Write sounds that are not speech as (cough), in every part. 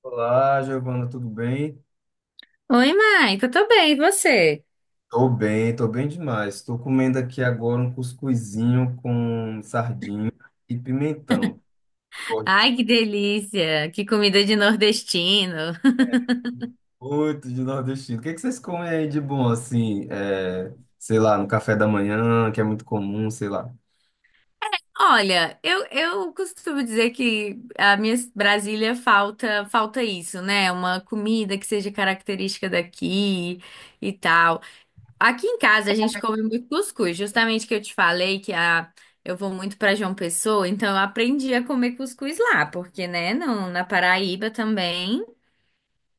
Olá, Giovana, tudo bem? Oi, Maico, eu tô bem, e você? Tô bem, tô bem demais. Tô comendo aqui agora um cuscuzinho com sardinha e pimentão. Gosto Ai, que delícia! Que comida de nordestino! muito de nordestino. O que é que vocês comem aí de bom, assim, é, sei lá, no café da manhã, que é muito comum, sei lá. Olha, eu costumo dizer que a minha Brasília falta isso, né? Uma comida que seja característica daqui e tal. Aqui em casa a gente come muito cuscuz, justamente que eu te falei que a, eu vou muito para João Pessoa, então eu aprendi a comer cuscuz lá, porque, né, não, na Paraíba também,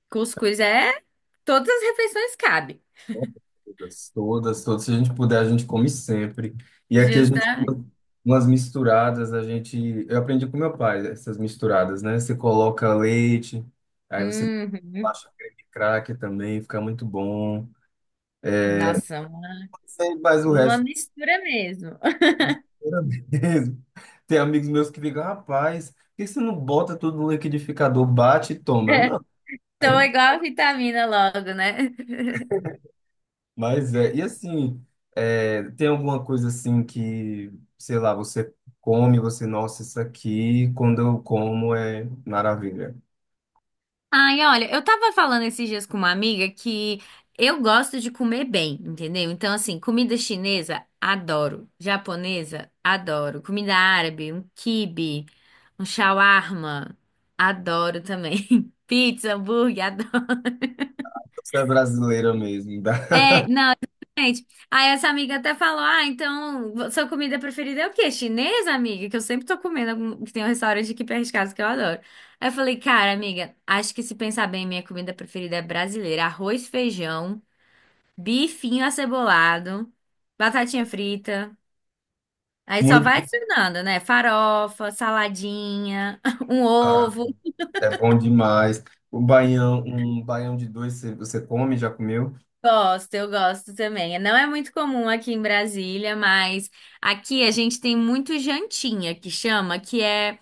cuscuz é todas as refeições cabe. Todas, todas, todas. Se a gente puder, a gente come sempre. E aqui a Justa. gente tem umas misturadas, a gente... Eu aprendi com meu pai essas misturadas, né? Você coloca leite, aí você Uhum. baixa creme de crack também, fica muito bom. Nossa, uma Sem mais o uma resto, mistura mesmo. era mesmo. (laughs) Tem amigos meus que ficam, rapaz, por que você não bota tudo no liquidificador, bate e toma? (laughs) Não, aí Então não... é igual a vitamina logo, né? (laughs) Mas é, e assim, é, tem alguma coisa assim que, sei lá, você come, você, nossa, isso aqui, quando eu como é maravilha. Ai, olha, eu tava falando esses dias com uma amiga que eu gosto de comer bem, entendeu? Então, assim, comida chinesa, adoro. Japonesa, adoro. Comida árabe, um quibe, um shawarma, adoro também. (laughs) Pizza, hambúrguer, adoro. Então, você é brasileira mesmo, dá É, não. Gente, aí essa amiga até falou: Ah, então sua comida preferida é o quê? Chinesa, amiga? Que eu sempre tô comendo, algum- que tem um restaurante aqui perto de casa que eu adoro. Aí eu falei: Cara, amiga, acho que se pensar bem, minha comida preferida é brasileira: arroz, feijão, bifinho acebolado, batatinha frita. Aí (laughs) só vai muito, adicionando, né? Farofa, saladinha, (laughs) um ah, ovo. é bom demais. O baião, um baião de dois, você come, já comeu? Gosto, eu gosto também. Não é muito comum aqui em Brasília, mas aqui a gente tem muito jantinha que chama, que é.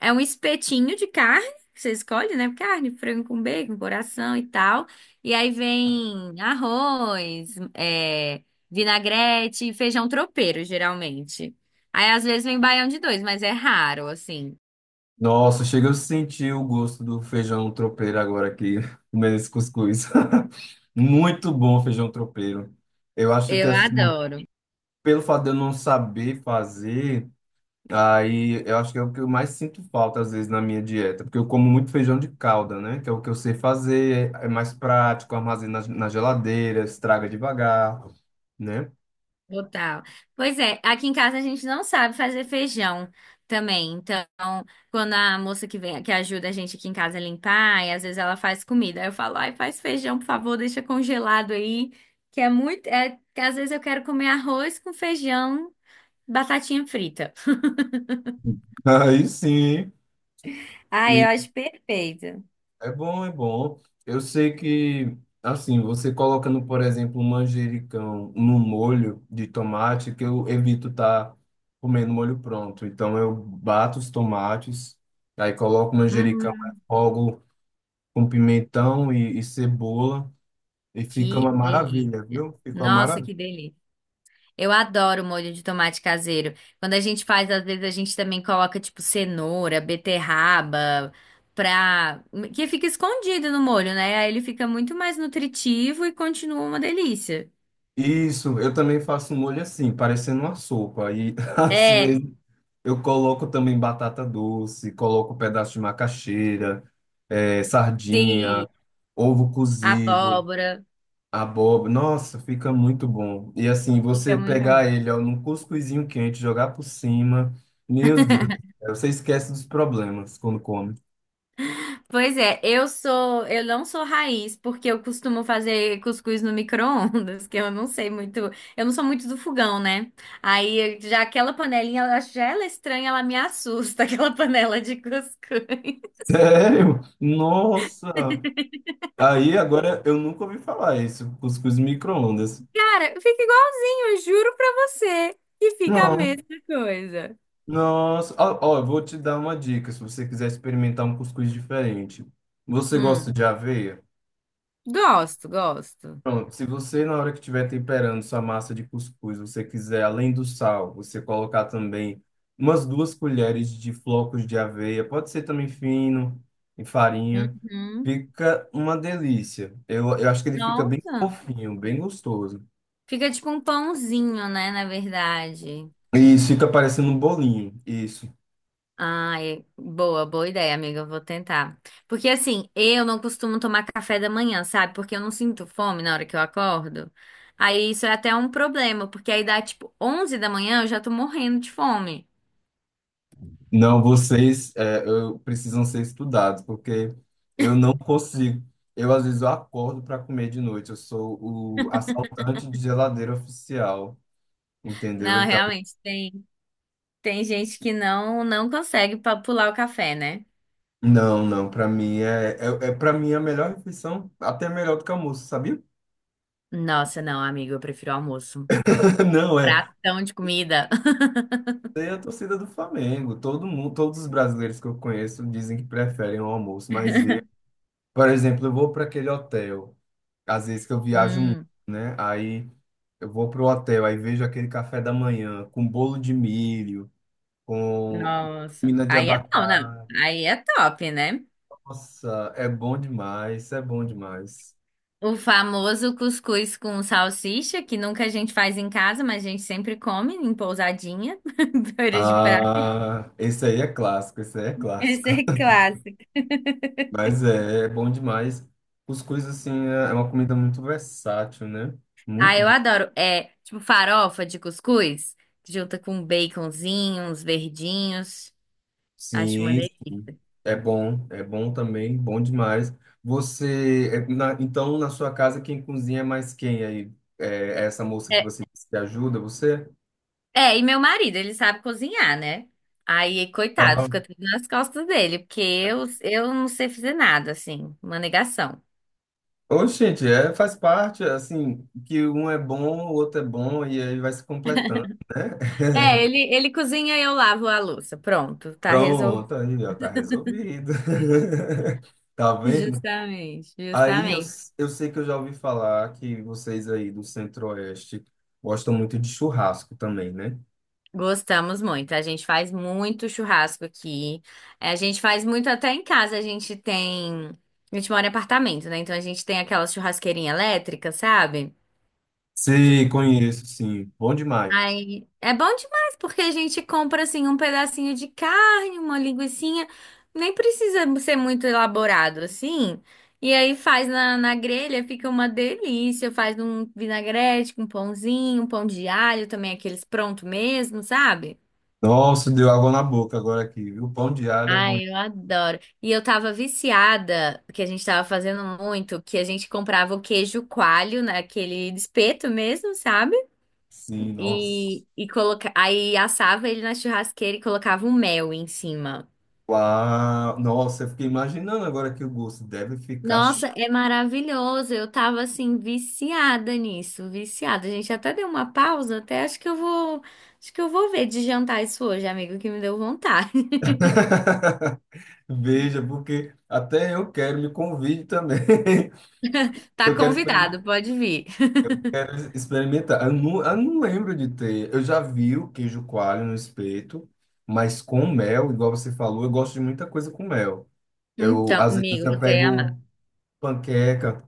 É um espetinho de carne, que você escolhe, né? Carne, frango com bacon, coração e tal. E aí vem arroz, é, vinagrete e feijão tropeiro, geralmente. Aí às vezes vem baião de dois, mas é raro, assim. Nossa, chega eu sentir o gosto do feijão tropeiro agora aqui, (laughs) comendo esse cuscuz. (laughs) Muito bom o feijão tropeiro. Eu acho que Eu assim, adoro. pelo fato de eu não saber fazer, aí eu acho que é o que eu mais sinto falta às vezes na minha dieta, porque eu como muito feijão de calda, né? Que é o que eu sei fazer, é mais prático, armazena na geladeira, estraga devagar, né? Total. Pois é, aqui em casa a gente não sabe fazer feijão também. Então, quando a moça que vem, que ajuda a gente aqui em casa a limpar, e às vezes ela faz comida, aí eu falo, ai, faz feijão, por favor, deixa congelado aí, que é muito, é, que às vezes eu quero comer arroz com feijão, batatinha frita. (laughs) Aí sim. Ai, eu acho perfeito. É bom, é bom. Eu sei que, assim, você colocando, por exemplo, um manjericão no molho de tomate, que eu evito estar comendo molho pronto. Então, eu bato os tomates, aí coloco o manjericão, Hum, refogo com pimentão e cebola, e fica que uma maravilha, delícia. viu? Fica uma Nossa, maravilha. que delícia. Eu adoro molho de tomate caseiro. Quando a gente faz, às vezes a gente também coloca tipo cenoura, beterraba, pra... que fica escondido no molho, né? Aí ele fica muito mais nutritivo e continua uma delícia. Isso, eu também faço um molho assim, parecendo uma sopa. E (laughs) às É, vezes eu coloco também batata doce, coloco um pedaço de macaxeira, eh, sim, sardinha, ovo cozido, abóbora. abóbora. Nossa, fica muito bom. E assim, Fica você muito bom. pegar ele ó, num cuscuzinho quente, jogar por cima, meu Deus, do céu, você esquece dos problemas quando come. Pois é, eu sou, eu não sou raiz, porque eu costumo fazer cuscuz no micro-ondas, (laughs) que eu não sei muito, eu não sou muito do fogão, né? Aí já aquela panelinha, eu acho já ela é estranha, ela me assusta, (laughs) aquela panela de cuscuz. (laughs) Sério? Nossa! Aí agora eu nunca ouvi falar isso, cuscuz micro-ondas. Cara, fica igualzinho, eu juro pra você que fica a mesma coisa. Nossa, ó, ó, eu vou te dar uma dica se você quiser experimentar um cuscuz diferente. Você gosta Hum, de aveia? gosto, gosto. Pronto, se você na hora que estiver temperando sua massa de cuscuz, você quiser, além do sal, você colocar também umas duas colheres de flocos de aveia, pode ser também fino, em farinha, Uhum. fica uma delícia. Eu acho que ele fica bem Nossa, fofinho, bem gostoso. fica tipo um pãozinho, né, na verdade. E isso fica parecendo um bolinho, isso. Ah, é- boa, boa ideia, amiga. Eu vou tentar. Porque assim, eu não costumo tomar café da manhã, sabe? Porque eu não sinto fome na hora que eu acordo. Aí isso é até um problema, porque aí dá tipo 11 da manhã, eu já tô morrendo de fome. Não, vocês é, eu, precisam ser estudados, porque eu não consigo. Eu, às vezes, eu acordo para comer de noite. Eu sou o assaltante de geladeira oficial, entendeu? Não, Então, realmente, tem, tem gente que não consegue pular o café, né? não, não, para mim é, é, é para mim é a melhor refeição, até melhor do que almoço, sabia? Nossa, não, amiga, eu prefiro almoço. (laughs) Não, é. Pratão de comida. (laughs) Tem a torcida do Flamengo. Todo mundo, todos os brasileiros que eu conheço dizem que preferem o almoço, mas eu, por exemplo, eu vou para aquele hotel. Às vezes que eu viajo muito, Hum, né? Aí eu vou pro hotel, aí vejo aquele café da manhã com bolo de milho, com nossa. mina de Aí é bom, não. abacate. Aí é top, né? Nossa, é bom demais, é bom demais. O famoso cuscuz com salsicha, que nunca a gente faz em casa, mas a gente sempre come em pousadinha, (laughs) beira de praia. Ah, esse aí é clássico, esse aí é Esse clássico. é clássico. (laughs) Mas é, é bom demais. Cuscuz, assim, é uma comida muito versátil, né? Ah, Muito eu adoro. É, tipo farofa de cuscuz, junta com um baconzinho, uns verdinhos. Acho uma sim, sim. delícia. É bom também, bom demais. Você, é, na- então, na sua casa, quem cozinha é mais quem aí? É essa moça que É, você disse que ajuda você? é, e meu marido, ele sabe cozinhar, né? Aí, coitado, Tá. fica tudo nas costas dele, porque eu não sei fazer nada, assim, uma negação. Ô, gente, é, faz parte, assim, que um é bom, o outro é bom, e aí vai se completando. É, ele, (laughs) ele cozinha e eu lavo a louça. Pronto, tá Pronto, aí, ó, tá resolvido. (laughs) Tá vendo? Justamente, Aí justamente. Eu sei que eu já ouvi falar que vocês aí do Centro-Oeste gostam muito de churrasco também, né? Gostamos muito. A gente faz muito churrasco aqui. É, a gente faz muito até em casa. A gente tem. A gente mora em apartamento, né? Então a gente tem aquela churrasqueirinha elétrica, sabe? Sei, conheço, sim. Bom demais. Aí é bom demais, porque a gente compra assim um pedacinho de carne, uma linguiçinha. Nem precisa ser muito elaborado assim. E aí faz na grelha, fica uma delícia. Faz um vinagrete com pãozinho, um pão de alho também, aqueles pronto mesmo, sabe? Nossa, deu água na boca agora aqui, viu? Pão de alho é bom. Ai, eu adoro. E eu tava viciada, que a gente tava fazendo muito, que a gente comprava o queijo coalho naquele espeto mesmo, sabe? Sim, nossa. E coloca... aí assava ele na churrasqueira e colocava o mel em cima. Uau, nossa, eu fiquei imaginando agora que o gosto deve ficar. Nossa, Ch- é maravilhoso. Eu tava assim viciada nisso, viciada. A gente até deu uma pausa, até acho que eu vou, acho que eu vou ver de jantar isso hoje, amigo, que me deu vontade. (laughs) (laughs) Veja, porque até eu quero, me convide também. (laughs) Tá Eu quero experimen- convidado, pode vir. quero experimentar. Eu não lembro de ter. Eu já vi o queijo coalho no espeto, mas com mel, igual você falou, eu gosto de muita coisa com mel. Eu, Então, às vezes, amigo, eu você é amado. pego panqueca.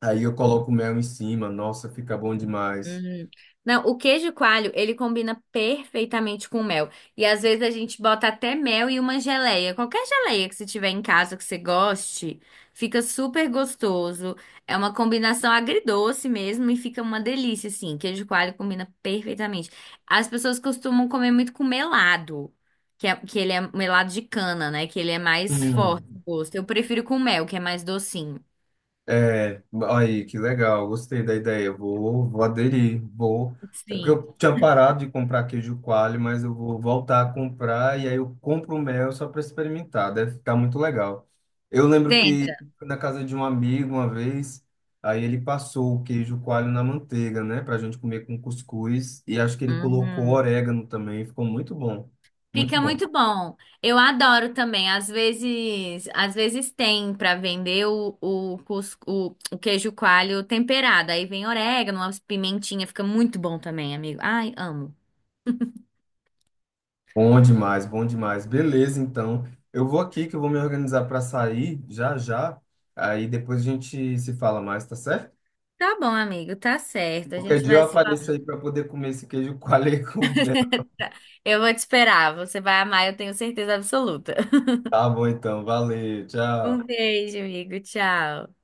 Aí eu coloco mel em cima, nossa, fica bom demais. Uhum. Não, o queijo coalho, ele combina perfeitamente com mel. E às vezes a gente bota até mel e uma geleia. Qualquer geleia que você tiver em casa que você goste, fica super gostoso. É uma combinação agridoce mesmo e fica uma delícia, assim. Queijo coalho combina perfeitamente. As pessoas costumam comer muito com melado, que, é, que ele é melado de cana, né? Que ele é mais forte o Hum. gosto. Eu prefiro com mel, que é mais docinho. É, aí, que legal, gostei da ideia. Vou aderir, vou. É porque Sim, eu tinha parado de comprar queijo coalho, mas eu vou voltar a comprar e aí eu compro o mel só para experimentar, deve ficar muito legal. Eu lembro que tenta. fui na casa de um amigo uma vez, aí ele passou o queijo coalho na manteiga, né, pra gente comer com cuscuz e acho que ele colocou Uhum. orégano também, ficou muito bom, muito Fica bom. muito bom. Eu adoro também. Às vezes tem para vender o, cus- o queijo coalho temperado. Aí vem orégano, umas pimentinhas, fica muito bom também, amigo. Ai, amo. Bom demais, bom demais. Beleza, então. Eu vou aqui que eu vou me organizar para sair já já. Aí depois a gente se fala mais, tá certo? Tá bom, amigo, tá certo. A Qualquer gente dia eu vai se apareço falar. aí para poder comer esse queijo coalho com mel. (laughs) Eu vou te esperar. Você vai amar, eu tenho certeza absoluta. (laughs) Tá bom, então. Valeu, Um tchau. beijo, amigo. Tchau.